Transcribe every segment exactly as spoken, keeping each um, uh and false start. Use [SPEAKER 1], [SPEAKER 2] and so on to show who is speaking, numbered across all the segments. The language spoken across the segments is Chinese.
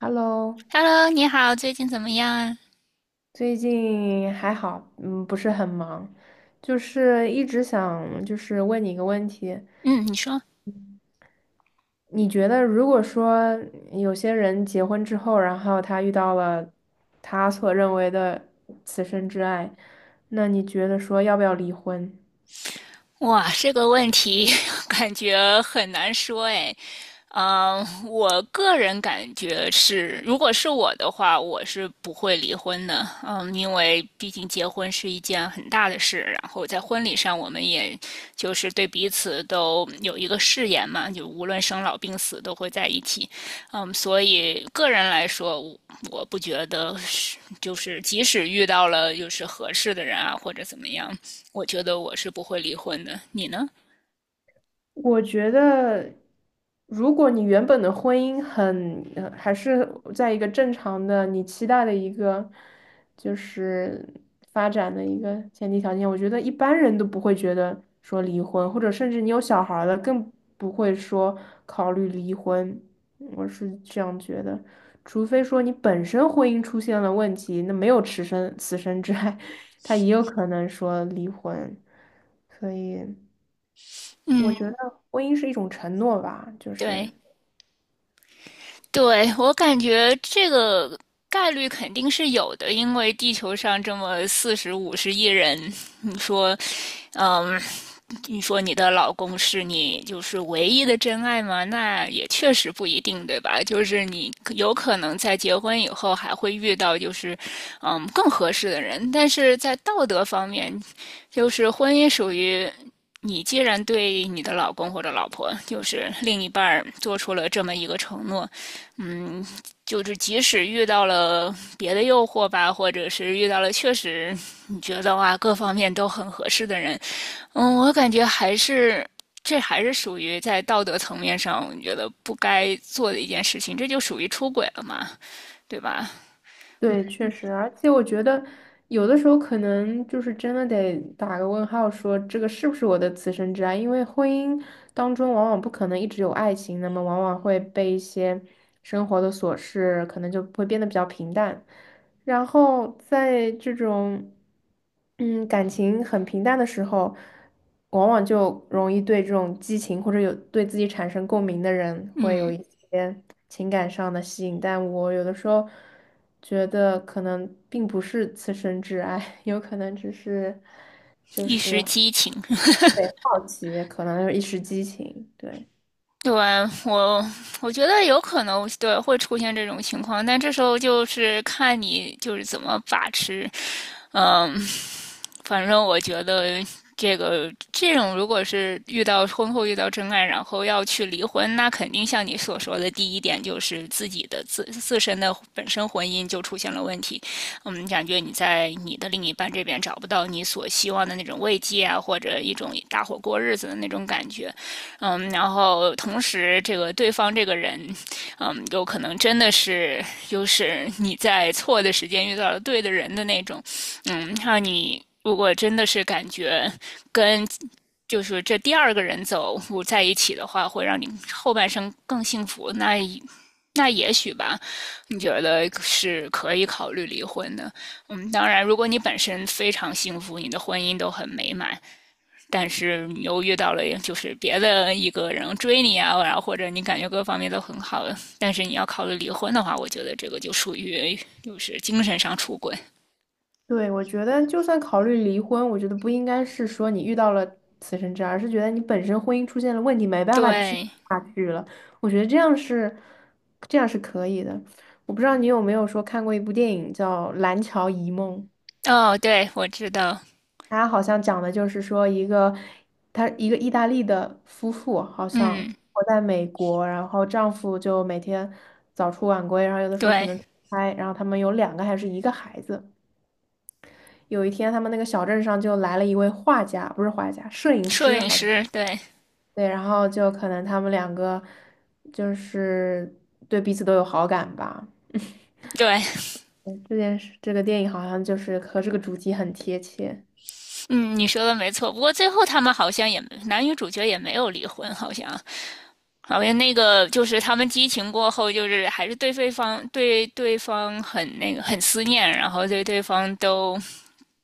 [SPEAKER 1] Hello，
[SPEAKER 2] Hello，你好，最近怎么样啊？
[SPEAKER 1] 最近还好，嗯，不是很忙，就是一直想就是问你一个问题。
[SPEAKER 2] 嗯，你说。
[SPEAKER 1] 你觉得如果说有些人结婚之后，然后他遇到了他所认为的此生之爱，那你觉得说要不要离婚？
[SPEAKER 2] 哇，这个问题 感觉很难说哎。嗯，我个人感觉是，如果是我的话，我是不会离婚的。嗯，因为毕竟结婚是一件很大的事，然后在婚礼上，我们也就是对彼此都有一个誓言嘛，就无论生老病死都会在一起。嗯，所以个人来说，我我不觉得是，就是即使遇到了就是合适的人啊，或者怎么样，我觉得我是不会离婚的，你呢？
[SPEAKER 1] 我觉得，如果你原本的婚姻很，呃还是在一个正常的你期待的一个就是发展的一个前提条件，我觉得一般人都不会觉得说离婚，或者甚至你有小孩儿了，更不会说考虑离婚。嗯我是这样觉得，除非说你本身婚姻出现了问题，那没有此生此生之爱，他也有可能说离婚，所以。我觉得婚姻是一种承诺吧，就是
[SPEAKER 2] 对，对，我感觉这个概率肯定是有的，因为地球上这么四十五十亿人，你说，嗯，你说你的老公是你就是唯一的真爱吗？那也确实不一定，对吧？就是你有可能在结婚以后还会遇到就是嗯更合适的人，但是在道德方面，就是婚姻属于。你既然对你的老公或者老婆，就是另一半儿做出了这么一个承诺，嗯，就是即使遇到了别的诱惑吧，或者是遇到了确实你觉得哇各方面都很合适的人，嗯，我感觉还是这还是属于在道德层面上，我觉得不该做的一件事情，这就属于出轨了嘛，对吧？
[SPEAKER 1] 对，确实，而且我觉得有的时候可能就是真的得打个问号，说这个是不是我的此生之爱？因为婚姻当中往往不可能一直有爱情，那么往往会被一些生活的琐事，可能就会变得比较平淡。然后在这种嗯感情很平淡的时候，往往就容易对这种激情或者有对自己产生共鸣的人会有
[SPEAKER 2] 嗯，
[SPEAKER 1] 一些情感上的吸引，但我有的时候觉得可能并不是此生挚爱，有可能只是就
[SPEAKER 2] 一时
[SPEAKER 1] 是
[SPEAKER 2] 激情。
[SPEAKER 1] 对好奇，可能一时激情，对。
[SPEAKER 2] 对，我我觉得有可能对会出现这种情况，但这时候就是看你就是怎么把持。嗯，反正我觉得这个这种如果是遇到婚后遇到真爱，然后要去离婚，那肯定像你所说的第一点就是自己的自自身的本身婚姻就出现了问题。嗯，感觉你在你的另一半这边找不到你所希望的那种慰藉啊，或者一种搭伙过日子的那种感觉。嗯，然后同时这个对方这个人，嗯，有可能真的是就是你在错的时间遇到了对的人的那种，嗯，让你如果真的是感觉跟。就是这第二个人走我在一起的话，会让你后半生更幸福。那那也许吧，你觉得是可以考虑离婚的。嗯，当然，如果你本身非常幸福，你的婚姻都很美满，但是你又遇到了就是别的一个人追你啊，然后或者你感觉各方面都很好，但是你要考虑离婚的话，我觉得这个就属于就是精神上出轨。
[SPEAKER 1] 对，我觉得就算考虑离婚，我觉得不应该是说你遇到了此生之爱，而是觉得你本身婚姻出现了问题，没办法继续
[SPEAKER 2] 对，
[SPEAKER 1] 下去了。我觉得这样是，这样是可以的。我不知道你有没有说看过一部电影叫《蓝桥遗梦》，
[SPEAKER 2] 哦，对，我知道，
[SPEAKER 1] 它好像讲的就是说一个，他一个意大利的夫妇，好像
[SPEAKER 2] 嗯，
[SPEAKER 1] 活在美国，然后丈夫就每天早出晚归，然后有的时候可
[SPEAKER 2] 对，
[SPEAKER 1] 能出差，然后他们有两个还是一个孩子。有一天，他们那个小镇上就来了一位画家，不是画家，摄影
[SPEAKER 2] 摄
[SPEAKER 1] 师，
[SPEAKER 2] 影
[SPEAKER 1] 好像。
[SPEAKER 2] 师，对。
[SPEAKER 1] 对，然后就可能他们两个就是对彼此都有好感吧。
[SPEAKER 2] 对，
[SPEAKER 1] 嗯这件事，这个电影好像就是和这个主题很贴切。
[SPEAKER 2] 嗯，你说的没错。不过最后他们好像也男女主角也没有离婚，好像好像那个就是他们激情过后，就是还是对对方对对方很那个很思念，然后对对方都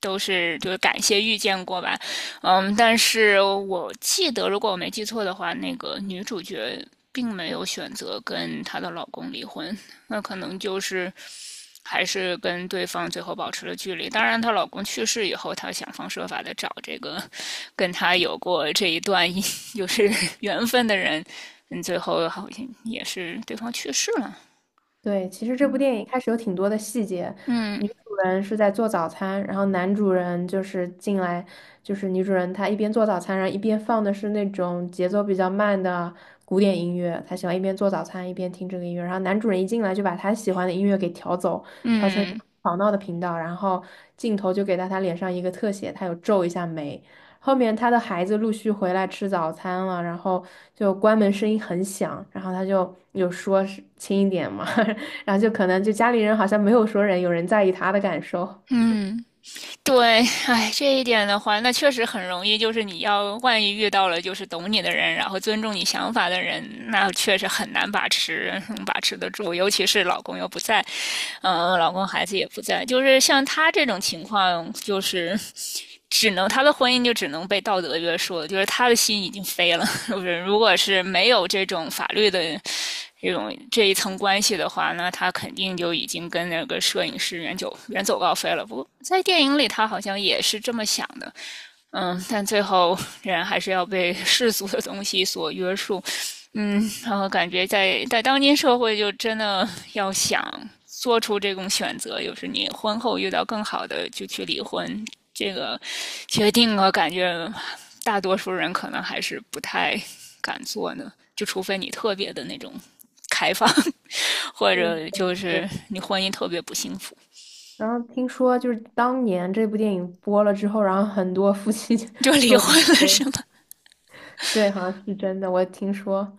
[SPEAKER 2] 都是就是感谢遇见过吧，嗯，但是我记得如果我没记错的话，那个女主角并没有选择跟她的老公离婚，那可能就是还是跟对方最后保持了距离。当然，她老公去世以后，她想方设法的找这个跟她有过这一段就 是缘分的人，嗯，最后好像也是对方去世了，
[SPEAKER 1] 对，其实这部电影开始有挺多的细节，
[SPEAKER 2] 嗯
[SPEAKER 1] 女主人是在做早餐，然后男主人就是进来，就是女主人她一边做早餐，然后一边放的是那种节奏比较慢的古典音乐，她喜欢一边做早餐一边听这个音乐，然后男主人一进来就把他喜欢的音乐给调走，调成一个
[SPEAKER 2] 嗯
[SPEAKER 1] 吵闹的频道，然后镜头就给到他脸上一个特写，他有皱一下眉。后面他的孩子陆续回来吃早餐了，然后就关门声音很响，然后他就有说是轻一点嘛，然后就可能就家里人好像没有说人有人在意他的感受。
[SPEAKER 2] 嗯。对，哎，这一点的话，那确实很容易，就是你要万一遇到了就是懂你的人，然后尊重你想法的人，那确实很难把持，嗯把持得住。尤其是老公又不在，嗯、老公孩子也不在，就是像他这种情况，就是只能他的婚姻就只能被道德约束了，就是他的心已经飞了。就是如果是没有这种法律的这种这一层关系的话呢，他肯定就已经跟那个摄影师远走远走高飞了。不过在电影里，他好像也是这么想的，嗯，但最后人还是要被世俗的东西所约束，嗯，然后感觉在在当今社会，就真的要想做出这种选择，就是你婚后遇到更好的就去离婚，这个决定我感觉大多数人可能还是不太敢做呢，就除非你特别的那种开放，或者就
[SPEAKER 1] 对，
[SPEAKER 2] 是你婚姻特别不幸福，
[SPEAKER 1] 然后听说就是当年这部电影播了之后，然后很多夫妻就
[SPEAKER 2] 就离婚了
[SPEAKER 1] 婚，
[SPEAKER 2] 是
[SPEAKER 1] 我
[SPEAKER 2] 吗？
[SPEAKER 1] 对，好像是真的，我听说。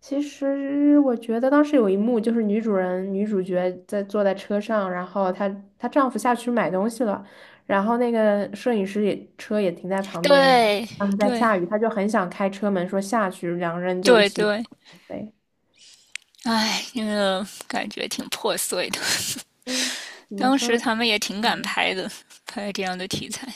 [SPEAKER 1] 其实我觉得当时有一幕就是女主人女主角在坐在车上，然后她她丈夫下去买东西了，然后那个摄影师也车也停在旁边，
[SPEAKER 2] 对
[SPEAKER 1] 当时在
[SPEAKER 2] 对
[SPEAKER 1] 下雨，
[SPEAKER 2] 对
[SPEAKER 1] 她就很想开车门说下去，两个人就一
[SPEAKER 2] 对。对
[SPEAKER 1] 起
[SPEAKER 2] 对
[SPEAKER 1] 飞。
[SPEAKER 2] 唉，那个感觉挺破碎的。
[SPEAKER 1] 嗯，怎么
[SPEAKER 2] 当
[SPEAKER 1] 说
[SPEAKER 2] 时
[SPEAKER 1] 呢？
[SPEAKER 2] 他们也挺敢
[SPEAKER 1] 嗯
[SPEAKER 2] 拍的，拍这样的题材。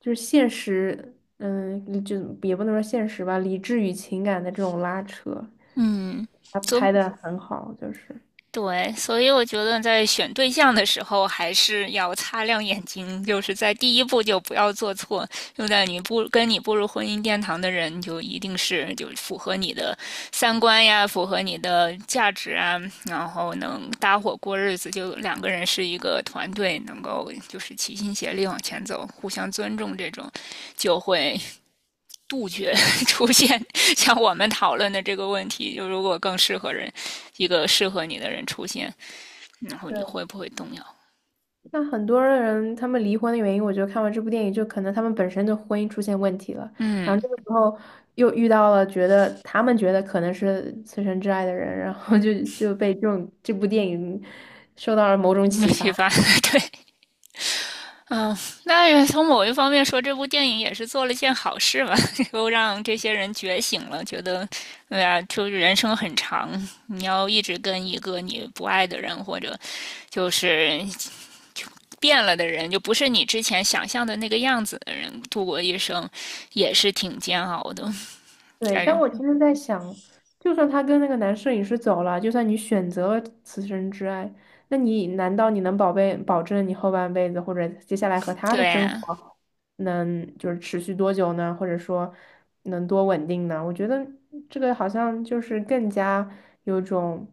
[SPEAKER 1] 就是现实，嗯，理就也不能说现实吧，理智与情感的这种拉扯，
[SPEAKER 2] 嗯，
[SPEAKER 1] 他
[SPEAKER 2] 走。
[SPEAKER 1] 拍的很好，就是。
[SPEAKER 2] 对，所以我觉得在选对象的时候，还是要擦亮眼睛，就是在第一步就不要做错。就在你步跟你步入婚姻殿堂的人，就一定是就符合你的三观呀，符合你的价值啊，然后能搭伙过日子，就两个人是一个团队，能够就是齐心协力往前走，互相尊重，这种就会杜绝 出现像我们讨论的这个问题，就如果更适合人，一个适合你的人出现。然后你
[SPEAKER 1] 对，
[SPEAKER 2] 会不会动摇？
[SPEAKER 1] 那很多人他们离婚的原因，我觉得看完这部电影，就可能他们本身就婚姻出现问题了，然后
[SPEAKER 2] 嗯
[SPEAKER 1] 这个时候又遇到了觉得他们觉得可能是此生挚爱的人，然后就就被这种这部电影受到了某 种
[SPEAKER 2] 尤
[SPEAKER 1] 启发。
[SPEAKER 2] 其发对，那从某一方面说，这部电影也是做了件好事吧，又让这些人觉醒了，觉得，对呀，就是人生很长，你要一直跟一个你不爱的人，或者就是变了的人，就不是你之前想象的那个样子的人度过一生，也是挺煎熬的。
[SPEAKER 1] 对，
[SPEAKER 2] 但
[SPEAKER 1] 但
[SPEAKER 2] 是，
[SPEAKER 1] 我其实在想，就算他跟那个男摄影师走了，就算你选择了此生之爱，那你难道你能保备保证你后半辈子或者接下来和他
[SPEAKER 2] 对
[SPEAKER 1] 的生
[SPEAKER 2] 啊
[SPEAKER 1] 活能就是持续多久呢？或者说能多稳定呢？我觉得这个好像就是更加有种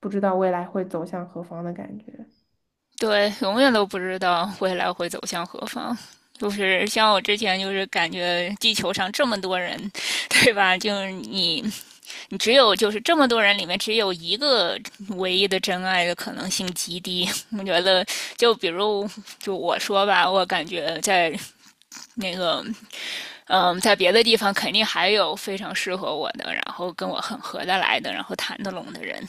[SPEAKER 1] 不知道未来会走向何方的感觉。
[SPEAKER 2] 对，永远都不知道未来会走向何方。就是像我之前就是感觉地球上这么多人，对吧？就是你，你只有就是这么多人里面只有一个唯一的真爱的可能性极低。我觉得，就比如就我说吧，我感觉在那个嗯，在别的地方肯定还有非常适合我的，然后跟我很合得来的，然后谈得拢的人。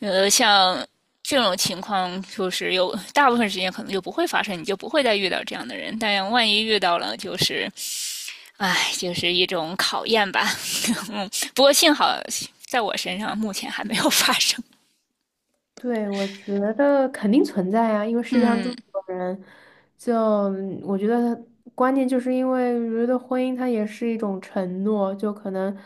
[SPEAKER 2] 呃，像这种情况，就是有大部分时间可能就不会发生，你就不会再遇到这样的人。但万一遇到了，就是哎，就是一种考验吧。嗯，不过幸好在我身上目前还没有发生。
[SPEAKER 1] 对，我觉得肯定存在啊，因为 世界上这
[SPEAKER 2] 嗯
[SPEAKER 1] 么多人，就嗯我觉得关键就是因为我觉得婚姻它也是一种承诺，就可能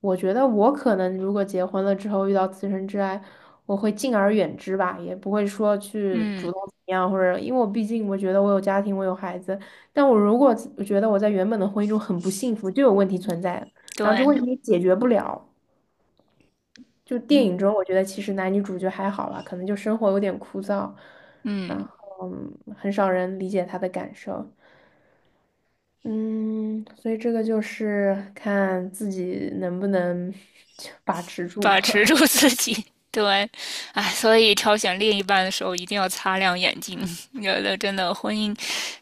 [SPEAKER 1] 我觉得我可能如果结婚了之后遇到此生挚爱，我会敬而远之吧，也不会说去
[SPEAKER 2] 嗯，
[SPEAKER 1] 主动怎么样，或者因为我毕竟我觉得我有家庭，我有孩子，但我如果我觉得我在原本的婚姻中很不幸福，就有问题存在，然后这问
[SPEAKER 2] 对，
[SPEAKER 1] 题也解决不了。就电
[SPEAKER 2] 嗯
[SPEAKER 1] 影中，我觉得其实男女主角还好吧，可能就生活有点枯燥，
[SPEAKER 2] 嗯。
[SPEAKER 1] 然后嗯很少人理解他的感受。嗯，所以这个就是看自己能不能 把持住
[SPEAKER 2] 把持
[SPEAKER 1] 吧。
[SPEAKER 2] 住自己。对，哎，所以挑选另一半的时候一定要擦亮眼睛。觉得真的婚姻，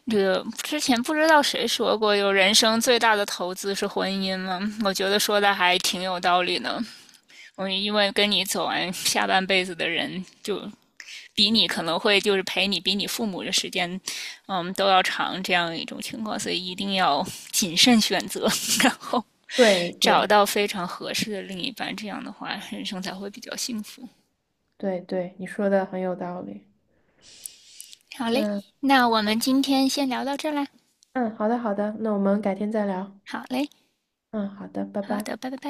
[SPEAKER 2] 这个之前不知道谁说过，有人生最大的投资是婚姻吗？我觉得说的还挺有道理呢。我因为跟你走完下半辈子的人，就比你可能会就是陪你比你父母的时间，嗯，都要长这样一种情况，所以一定要谨慎选择，然后
[SPEAKER 1] 对
[SPEAKER 2] 找
[SPEAKER 1] 对
[SPEAKER 2] 到非常合适的另一半，这样的话人生才会比较幸福。
[SPEAKER 1] 对对，你说的很有道理。
[SPEAKER 2] 好嘞，
[SPEAKER 1] 嗯
[SPEAKER 2] 那我们今天先聊到这啦。
[SPEAKER 1] 嗯，好的好的，那我们改天再聊。
[SPEAKER 2] 好嘞，
[SPEAKER 1] 嗯，好的，拜
[SPEAKER 2] 好
[SPEAKER 1] 拜。
[SPEAKER 2] 的，拜拜拜。